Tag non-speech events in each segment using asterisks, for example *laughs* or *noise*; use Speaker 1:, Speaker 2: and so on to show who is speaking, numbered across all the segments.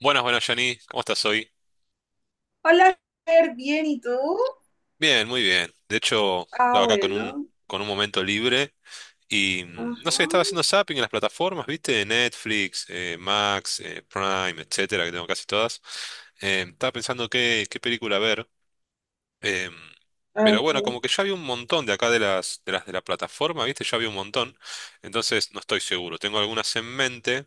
Speaker 1: Buenas, buenas, Jani. ¿Cómo estás hoy?
Speaker 2: Hola, Fer, bien, ¿y tú?
Speaker 1: Bien, muy bien. De hecho,
Speaker 2: Ah,
Speaker 1: estaba acá
Speaker 2: bueno.
Speaker 1: con un momento libre y no
Speaker 2: Ajá.
Speaker 1: sé, estaba haciendo zapping en las plataformas, ¿viste? Netflix, Max, Prime, etcétera, que tengo casi todas. Estaba pensando qué película ver. em, pero bueno,
Speaker 2: Ok.
Speaker 1: como que ya había un montón de acá de la plataforma, ¿viste? Ya había un montón. Entonces, no estoy seguro. Tengo algunas en mente.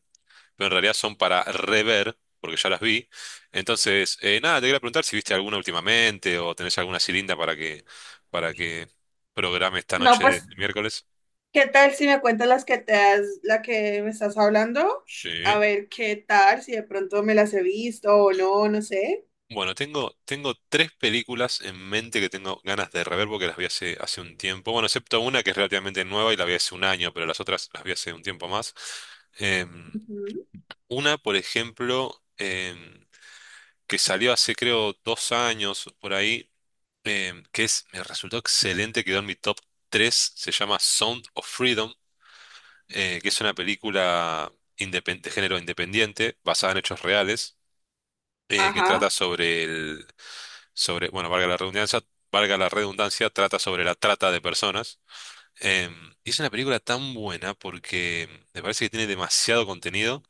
Speaker 1: Pero en realidad son para rever, porque ya las vi. Entonces, nada, te quería preguntar si viste alguna últimamente o tenés alguna cilinda para que, para que programe esta
Speaker 2: No,
Speaker 1: noche de
Speaker 2: pues,
Speaker 1: miércoles.
Speaker 2: ¿qué tal si me cuentas las que te has, la que me estás hablando? A
Speaker 1: Sí.
Speaker 2: ver qué tal, si de pronto me las he visto o no, no sé.
Speaker 1: Bueno, tengo tres películas en mente que tengo ganas de rever porque las vi hace un tiempo. Bueno, excepto una que es relativamente nueva y la vi hace un año, pero las otras las vi hace un tiempo más. Em,
Speaker 2: Ujú.
Speaker 1: una, por ejemplo, que salió hace creo 2 años por ahí, que es, me resultó excelente, quedó en mi top tres. Se llama Sound of Freedom, que es una película de género independiente, basada en hechos reales, que trata
Speaker 2: Ajá.
Speaker 1: bueno, valga la redundancia, trata sobre la trata de personas. Y es una película tan buena porque me parece que tiene demasiado contenido.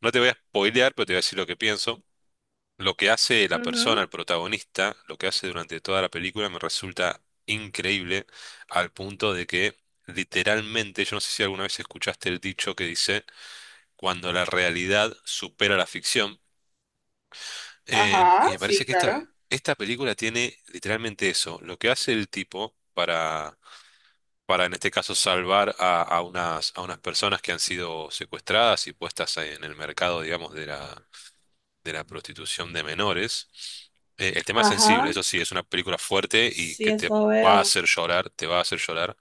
Speaker 1: No te voy a spoilear, pero te voy a decir lo que pienso. Lo que hace la persona,
Speaker 2: Ujú.
Speaker 1: el protagonista, lo que hace durante toda la película me resulta increíble al punto de que literalmente, yo no sé si alguna vez escuchaste el dicho que dice, cuando la realidad supera la ficción, y
Speaker 2: Ajá,
Speaker 1: me parece
Speaker 2: sí,
Speaker 1: que esta,
Speaker 2: claro.
Speaker 1: esta película tiene literalmente eso, lo que hace el tipo para en este caso salvar a unas personas que han sido secuestradas y puestas en el mercado, digamos, de la prostitución de menores. El tema es
Speaker 2: Ajá,
Speaker 1: sensible, eso sí, es una película fuerte y
Speaker 2: sí,
Speaker 1: que te
Speaker 2: eso
Speaker 1: va a
Speaker 2: veo.
Speaker 1: hacer llorar, te va a hacer llorar.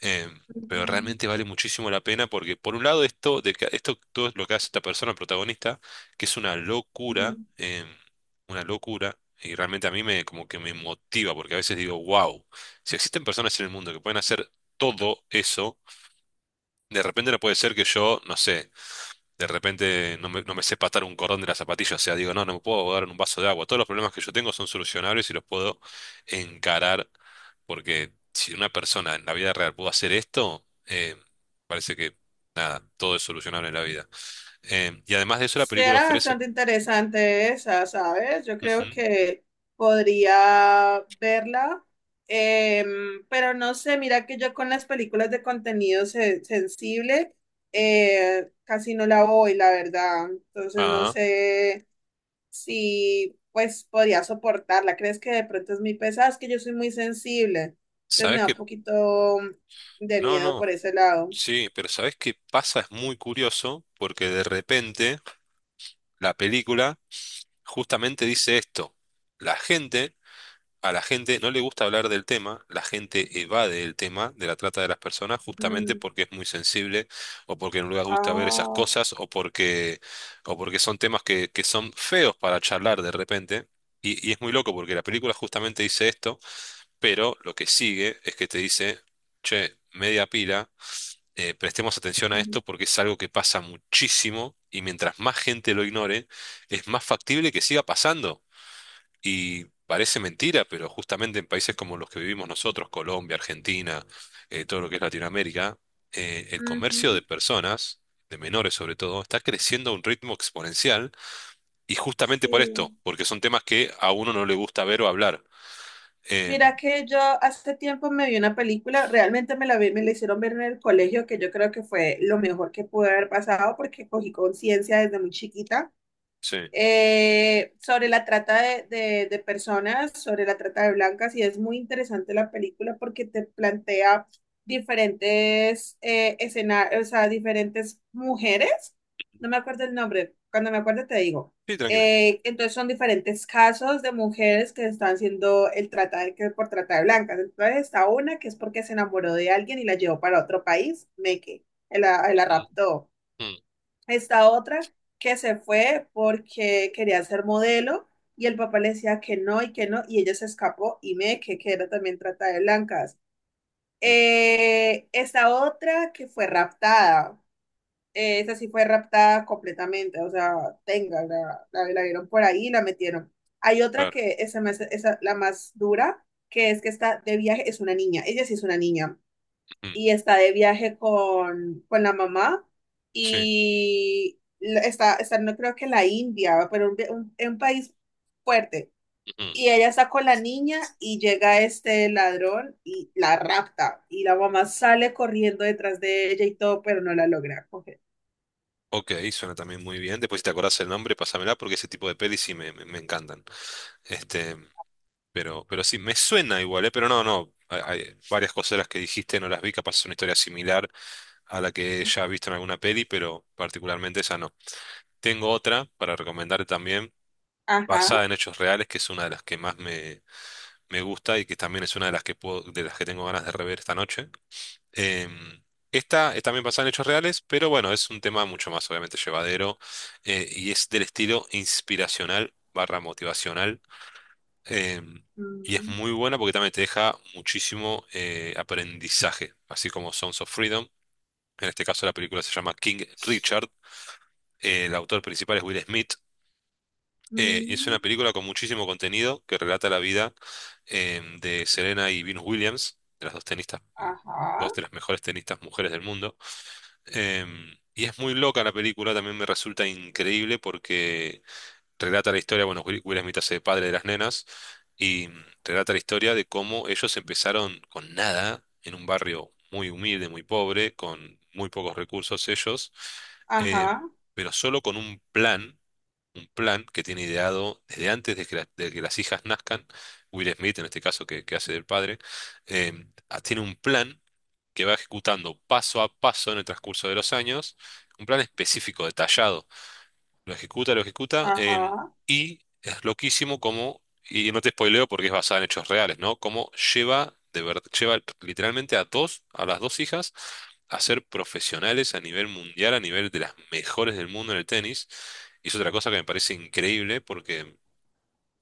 Speaker 1: eh, pero realmente vale muchísimo la pena porque, por un lado, esto todo lo que hace esta persona protagonista, que es
Speaker 2: Ujú.
Speaker 1: una locura, y realmente a mí me, como que me motiva, porque a veces digo, wow, si existen personas en el mundo que pueden hacer todo eso, de repente no puede ser que yo, no sé, de repente no me sé patar un cordón de la zapatilla, o sea, digo, no, no me puedo ahogar en un vaso de agua. Todos los problemas que yo tengo son solucionables y los puedo encarar, porque si una persona en la vida real pudo hacer esto, parece que nada, todo es solucionable en la vida. Y además de eso, la película
Speaker 2: Será
Speaker 1: ofrece.
Speaker 2: bastante interesante esa, ¿sabes? Yo
Speaker 1: Ujú.
Speaker 2: creo que podría verla, pero no sé, mira que yo con las películas de contenido sensible casi no la voy, la verdad. Entonces no
Speaker 1: Ah,
Speaker 2: sé si pues podría soportarla. ¿Crees que de pronto es muy pesada? Es que yo soy muy sensible, entonces me
Speaker 1: ¿sabes
Speaker 2: da
Speaker 1: qué?
Speaker 2: un poquito de
Speaker 1: No,
Speaker 2: miedo
Speaker 1: no,
Speaker 2: por ese lado.
Speaker 1: sí, pero ¿sabes qué pasa? Es muy curioso, porque de repente la película justamente dice esto. La gente A la gente no le gusta hablar del tema, la gente evade el tema de la trata de las personas justamente
Speaker 2: Mm.
Speaker 1: porque es muy sensible o porque no les gusta ver esas
Speaker 2: Ah,
Speaker 1: cosas o porque, son temas que son feos para charlar de repente. Y es muy loco porque la película justamente dice esto, pero lo que sigue es que te dice, che, media pila, prestemos atención a
Speaker 2: ujú,
Speaker 1: esto porque es algo que pasa muchísimo y mientras más gente lo ignore, es más factible que siga pasando. Y parece mentira, pero justamente en países como los que vivimos nosotros, Colombia, Argentina, todo lo que es Latinoamérica, el comercio de
Speaker 2: ujú,
Speaker 1: personas, de menores sobre todo, está creciendo a un ritmo exponencial y justamente por esto,
Speaker 2: sí.
Speaker 1: porque son temas que a uno no le gusta ver o hablar.
Speaker 2: Mira
Speaker 1: Em,
Speaker 2: que yo hace tiempo me vi una película, realmente me la vi, me la hicieron ver en el colegio, que yo creo que fue lo mejor que pude haber pasado porque cogí conciencia desde muy chiquita,
Speaker 1: sí,
Speaker 2: sobre la trata personas, sobre la trata de blancas, y es muy interesante la película porque te plantea diferentes escenarios, o sea, diferentes mujeres, no me acuerdo el nombre, cuando me acuerdo te digo.
Speaker 1: sí, tranquila.
Speaker 2: Entonces son diferentes casos de mujeres que están siendo el trata de, que por trata de blancas. Entonces está una que es porque se enamoró de alguien y la llevó para otro país, Meque, la
Speaker 1: Ujú,
Speaker 2: raptó.
Speaker 1: ujú,
Speaker 2: Esta otra que se fue porque quería ser modelo y el papá le decía que no y ella se escapó y me que era también trata de blancas.
Speaker 1: ujú.
Speaker 2: Esta otra que fue raptada, esa sí fue raptada completamente, o sea, tenga, la vieron por ahí y la metieron. Hay otra
Speaker 1: Claro.
Speaker 2: que esa, esa la más dura, que es que está de viaje, es una niña, ella sí es una niña
Speaker 1: Ujú.
Speaker 2: y está de viaje con la mamá
Speaker 1: Sí.
Speaker 2: y está, no creo que la India, pero un país fuerte.
Speaker 1: Ujú.
Speaker 2: Y ella está con la niña y llega este ladrón y la rapta. Y la mamá sale corriendo detrás de ella y todo, pero no la logra coger.
Speaker 1: Ok, suena también muy bien. Después, si te acordás el nombre, pásamela porque ese tipo de pelis sí me encantan. Este. Pero sí, me suena igual, ¿eh? Pero no, no. Hay varias cosas de las que dijiste, no las vi, capaz es una historia similar a la que ya he visto en alguna peli, pero particularmente esa no. Tengo otra para recomendarte también,
Speaker 2: Ajá.
Speaker 1: basada en hechos reales, que es una de las que más me gusta y que también es una de las que de las que tengo ganas de rever esta noche. Em, Esta es también basada en hechos reales, pero bueno, es un tema mucho más obviamente llevadero y es del estilo inspiracional barra motivacional em, y es
Speaker 2: Mm,
Speaker 1: muy buena porque también te deja muchísimo aprendizaje, así como Sons of Freedom. En este caso la película se llama King Richard. El autor principal es Will Smith. Y es una
Speaker 2: mm,
Speaker 1: película con muchísimo contenido que relata la vida de Serena y Venus Williams, de las dos tenistas, dos
Speaker 2: ajá.
Speaker 1: de las mejores tenistas mujeres del mundo. Y es muy loca la película, también me resulta increíble porque relata la historia, bueno, Will Smith hace de padre de las nenas, y relata la historia de cómo ellos empezaron con nada, en un barrio muy humilde, muy pobre, con muy pocos recursos ellos, eh,
Speaker 2: Ajá.
Speaker 1: pero solo con un plan que tiene ideado desde antes de que las hijas nazcan, Will Smith, en este caso que hace del padre, eh, tiene un plan que va ejecutando paso a paso en el transcurso de los años, un plan específico, detallado lo ejecuta, lo ejecuta.
Speaker 2: Ajá.
Speaker 1: Y es loquísimo como, y no te spoileo porque es basada en hechos reales, ¿no? Cómo lleva, de verdad, lleva literalmente a las dos hijas, a ser profesionales a nivel mundial, a nivel de las mejores del mundo en el tenis. Y es otra cosa que me parece increíble porque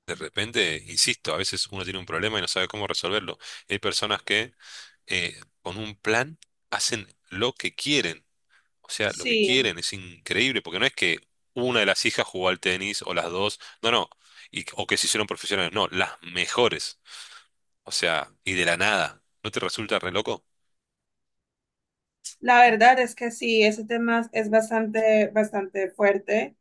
Speaker 1: de repente, insisto, a veces uno tiene un problema y no sabe cómo resolverlo. Hay personas que con un plan hacen lo que quieren. O sea, lo que
Speaker 2: Sí.
Speaker 1: quieren es increíble, porque no es que una de las hijas jugó al tenis o las dos, no, no, o que se hicieron profesionales, no, las mejores. O sea, y de la nada. ¿No te resulta re loco?
Speaker 2: La verdad es que sí, ese tema es bastante, bastante fuerte.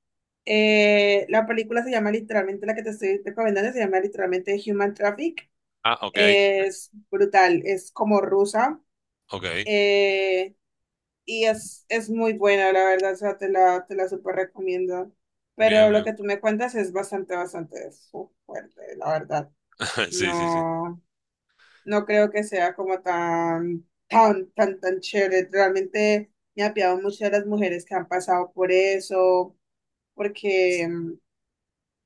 Speaker 2: La película se llama literalmente, la que te estoy recomendando, se llama literalmente Human Traffic.
Speaker 1: Ah, ok,
Speaker 2: Es brutal, es como rusa,
Speaker 1: ok,
Speaker 2: eh, y es muy buena, la verdad, o sea, te la súper recomiendo. Pero
Speaker 1: bien,
Speaker 2: lo
Speaker 1: bien.
Speaker 2: que tú me cuentas es bastante, fuerte, la verdad.
Speaker 1: *laughs* Sí, sí, sí.
Speaker 2: No no, creo que sea como tan, tan, tan, tan chévere. Realmente me apiado mucho de las mujeres que han pasado por eso, porque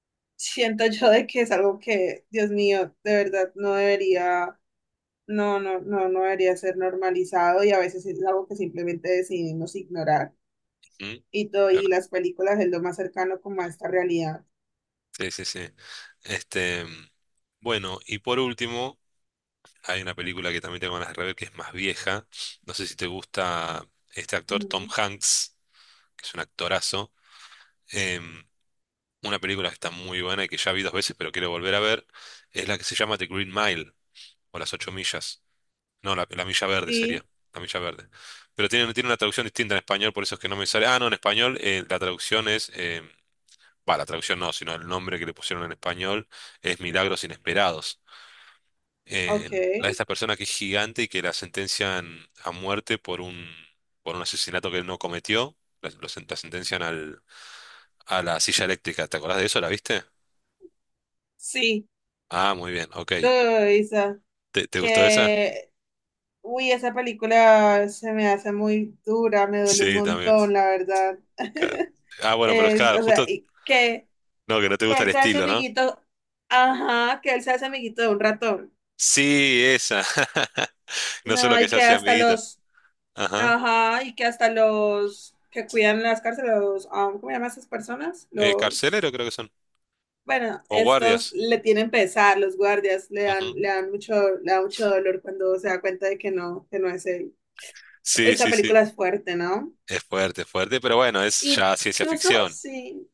Speaker 2: *laughs* siento yo de que es algo que, Dios mío, de verdad no debería, no, no, no, no debería ser normalizado y a veces es algo que simplemente decidimos ignorar.
Speaker 1: Mm,
Speaker 2: Y todo,
Speaker 1: bueno.
Speaker 2: y las películas es lo más cercano como a esta realidad.
Speaker 1: Sí, sí, sí. Este, bueno, y por último, hay una película que también tengo ganas de rever que es más vieja. No sé si te gusta este actor Tom
Speaker 2: Mm.
Speaker 1: Hanks, que es un actorazo. em, una película que está muy buena y que ya vi 2 veces, pero quiero volver a ver, es la que se llama The Green Mile, o Las Ocho Millas. No, la Milla Verde
Speaker 2: Sí,
Speaker 1: sería, la Milla Verde. Pero tiene una traducción distinta en español, por eso es que no me sale. Ah, no, en español la traducción es, bah, la traducción no, sino el nombre que le pusieron en español es Milagros Inesperados. Eh,
Speaker 2: ok.
Speaker 1: la de esta persona que es gigante y que la sentencian a muerte por un asesinato que él no cometió. La sentencian a la silla eléctrica. ¿Te acordás de eso? ¿La viste?
Speaker 2: Sí,
Speaker 1: Ah, muy bien, ok.
Speaker 2: lo Isa,
Speaker 1: ¿Te gustó esa?
Speaker 2: que... Uy, esa película se me hace muy dura, me duele un
Speaker 1: Sí, también.
Speaker 2: montón, la verdad.
Speaker 1: Claro.
Speaker 2: *laughs*
Speaker 1: Ah, bueno, pero es
Speaker 2: Es,
Speaker 1: claro,
Speaker 2: o sea,
Speaker 1: justo
Speaker 2: y
Speaker 1: no, que no te
Speaker 2: que
Speaker 1: gusta el
Speaker 2: él se hace
Speaker 1: estilo, ¿no?
Speaker 2: amiguito, ajá, que él se hace amiguito de un ratón.
Speaker 1: Sí, esa. *laughs* No solo
Speaker 2: No,
Speaker 1: que
Speaker 2: y
Speaker 1: se
Speaker 2: que
Speaker 1: hace
Speaker 2: hasta
Speaker 1: amiguita.
Speaker 2: los,
Speaker 1: Ajá.
Speaker 2: ajá, y que hasta los que cuidan las cárceles, los, ah, ¿cómo llaman esas personas? Los,
Speaker 1: Carcelero creo que son.
Speaker 2: bueno,
Speaker 1: O guardias.
Speaker 2: estos le tienen pesar, los guardias
Speaker 1: Ujú.
Speaker 2: le dan mucho, le da mucho dolor cuando se da cuenta de que no es él. Uy,
Speaker 1: Sí,
Speaker 2: esa
Speaker 1: sí, sí.
Speaker 2: película es fuerte, ¿no?
Speaker 1: Es fuerte, pero bueno, es ya ciencia
Speaker 2: Incluso
Speaker 1: ficción.
Speaker 2: sí,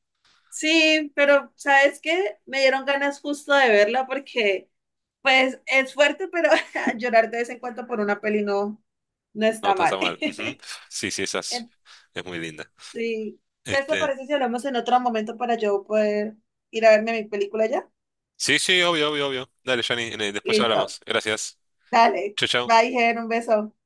Speaker 2: sí, pero ¿sabes qué? Me dieron ganas justo de verla porque, pues, es fuerte, pero *laughs* llorar de vez en cuando por una peli no, no
Speaker 1: No, no
Speaker 2: está
Speaker 1: está
Speaker 2: mal.
Speaker 1: tan mal. Ujú.
Speaker 2: *laughs*
Speaker 1: Sí, sí, esa es,
Speaker 2: En...
Speaker 1: es muy linda.
Speaker 2: Sí. Entonces, ¿te
Speaker 1: Este.
Speaker 2: parece si hablamos en otro momento para yo poder ir a verme mi película ya?
Speaker 1: Sí, sí, obvio, obvio, obvio. Dale, Johnny, después
Speaker 2: Listo.
Speaker 1: hablamos. Gracias.
Speaker 2: Dale.
Speaker 1: Chau, chau.
Speaker 2: Bye, Ger, un beso.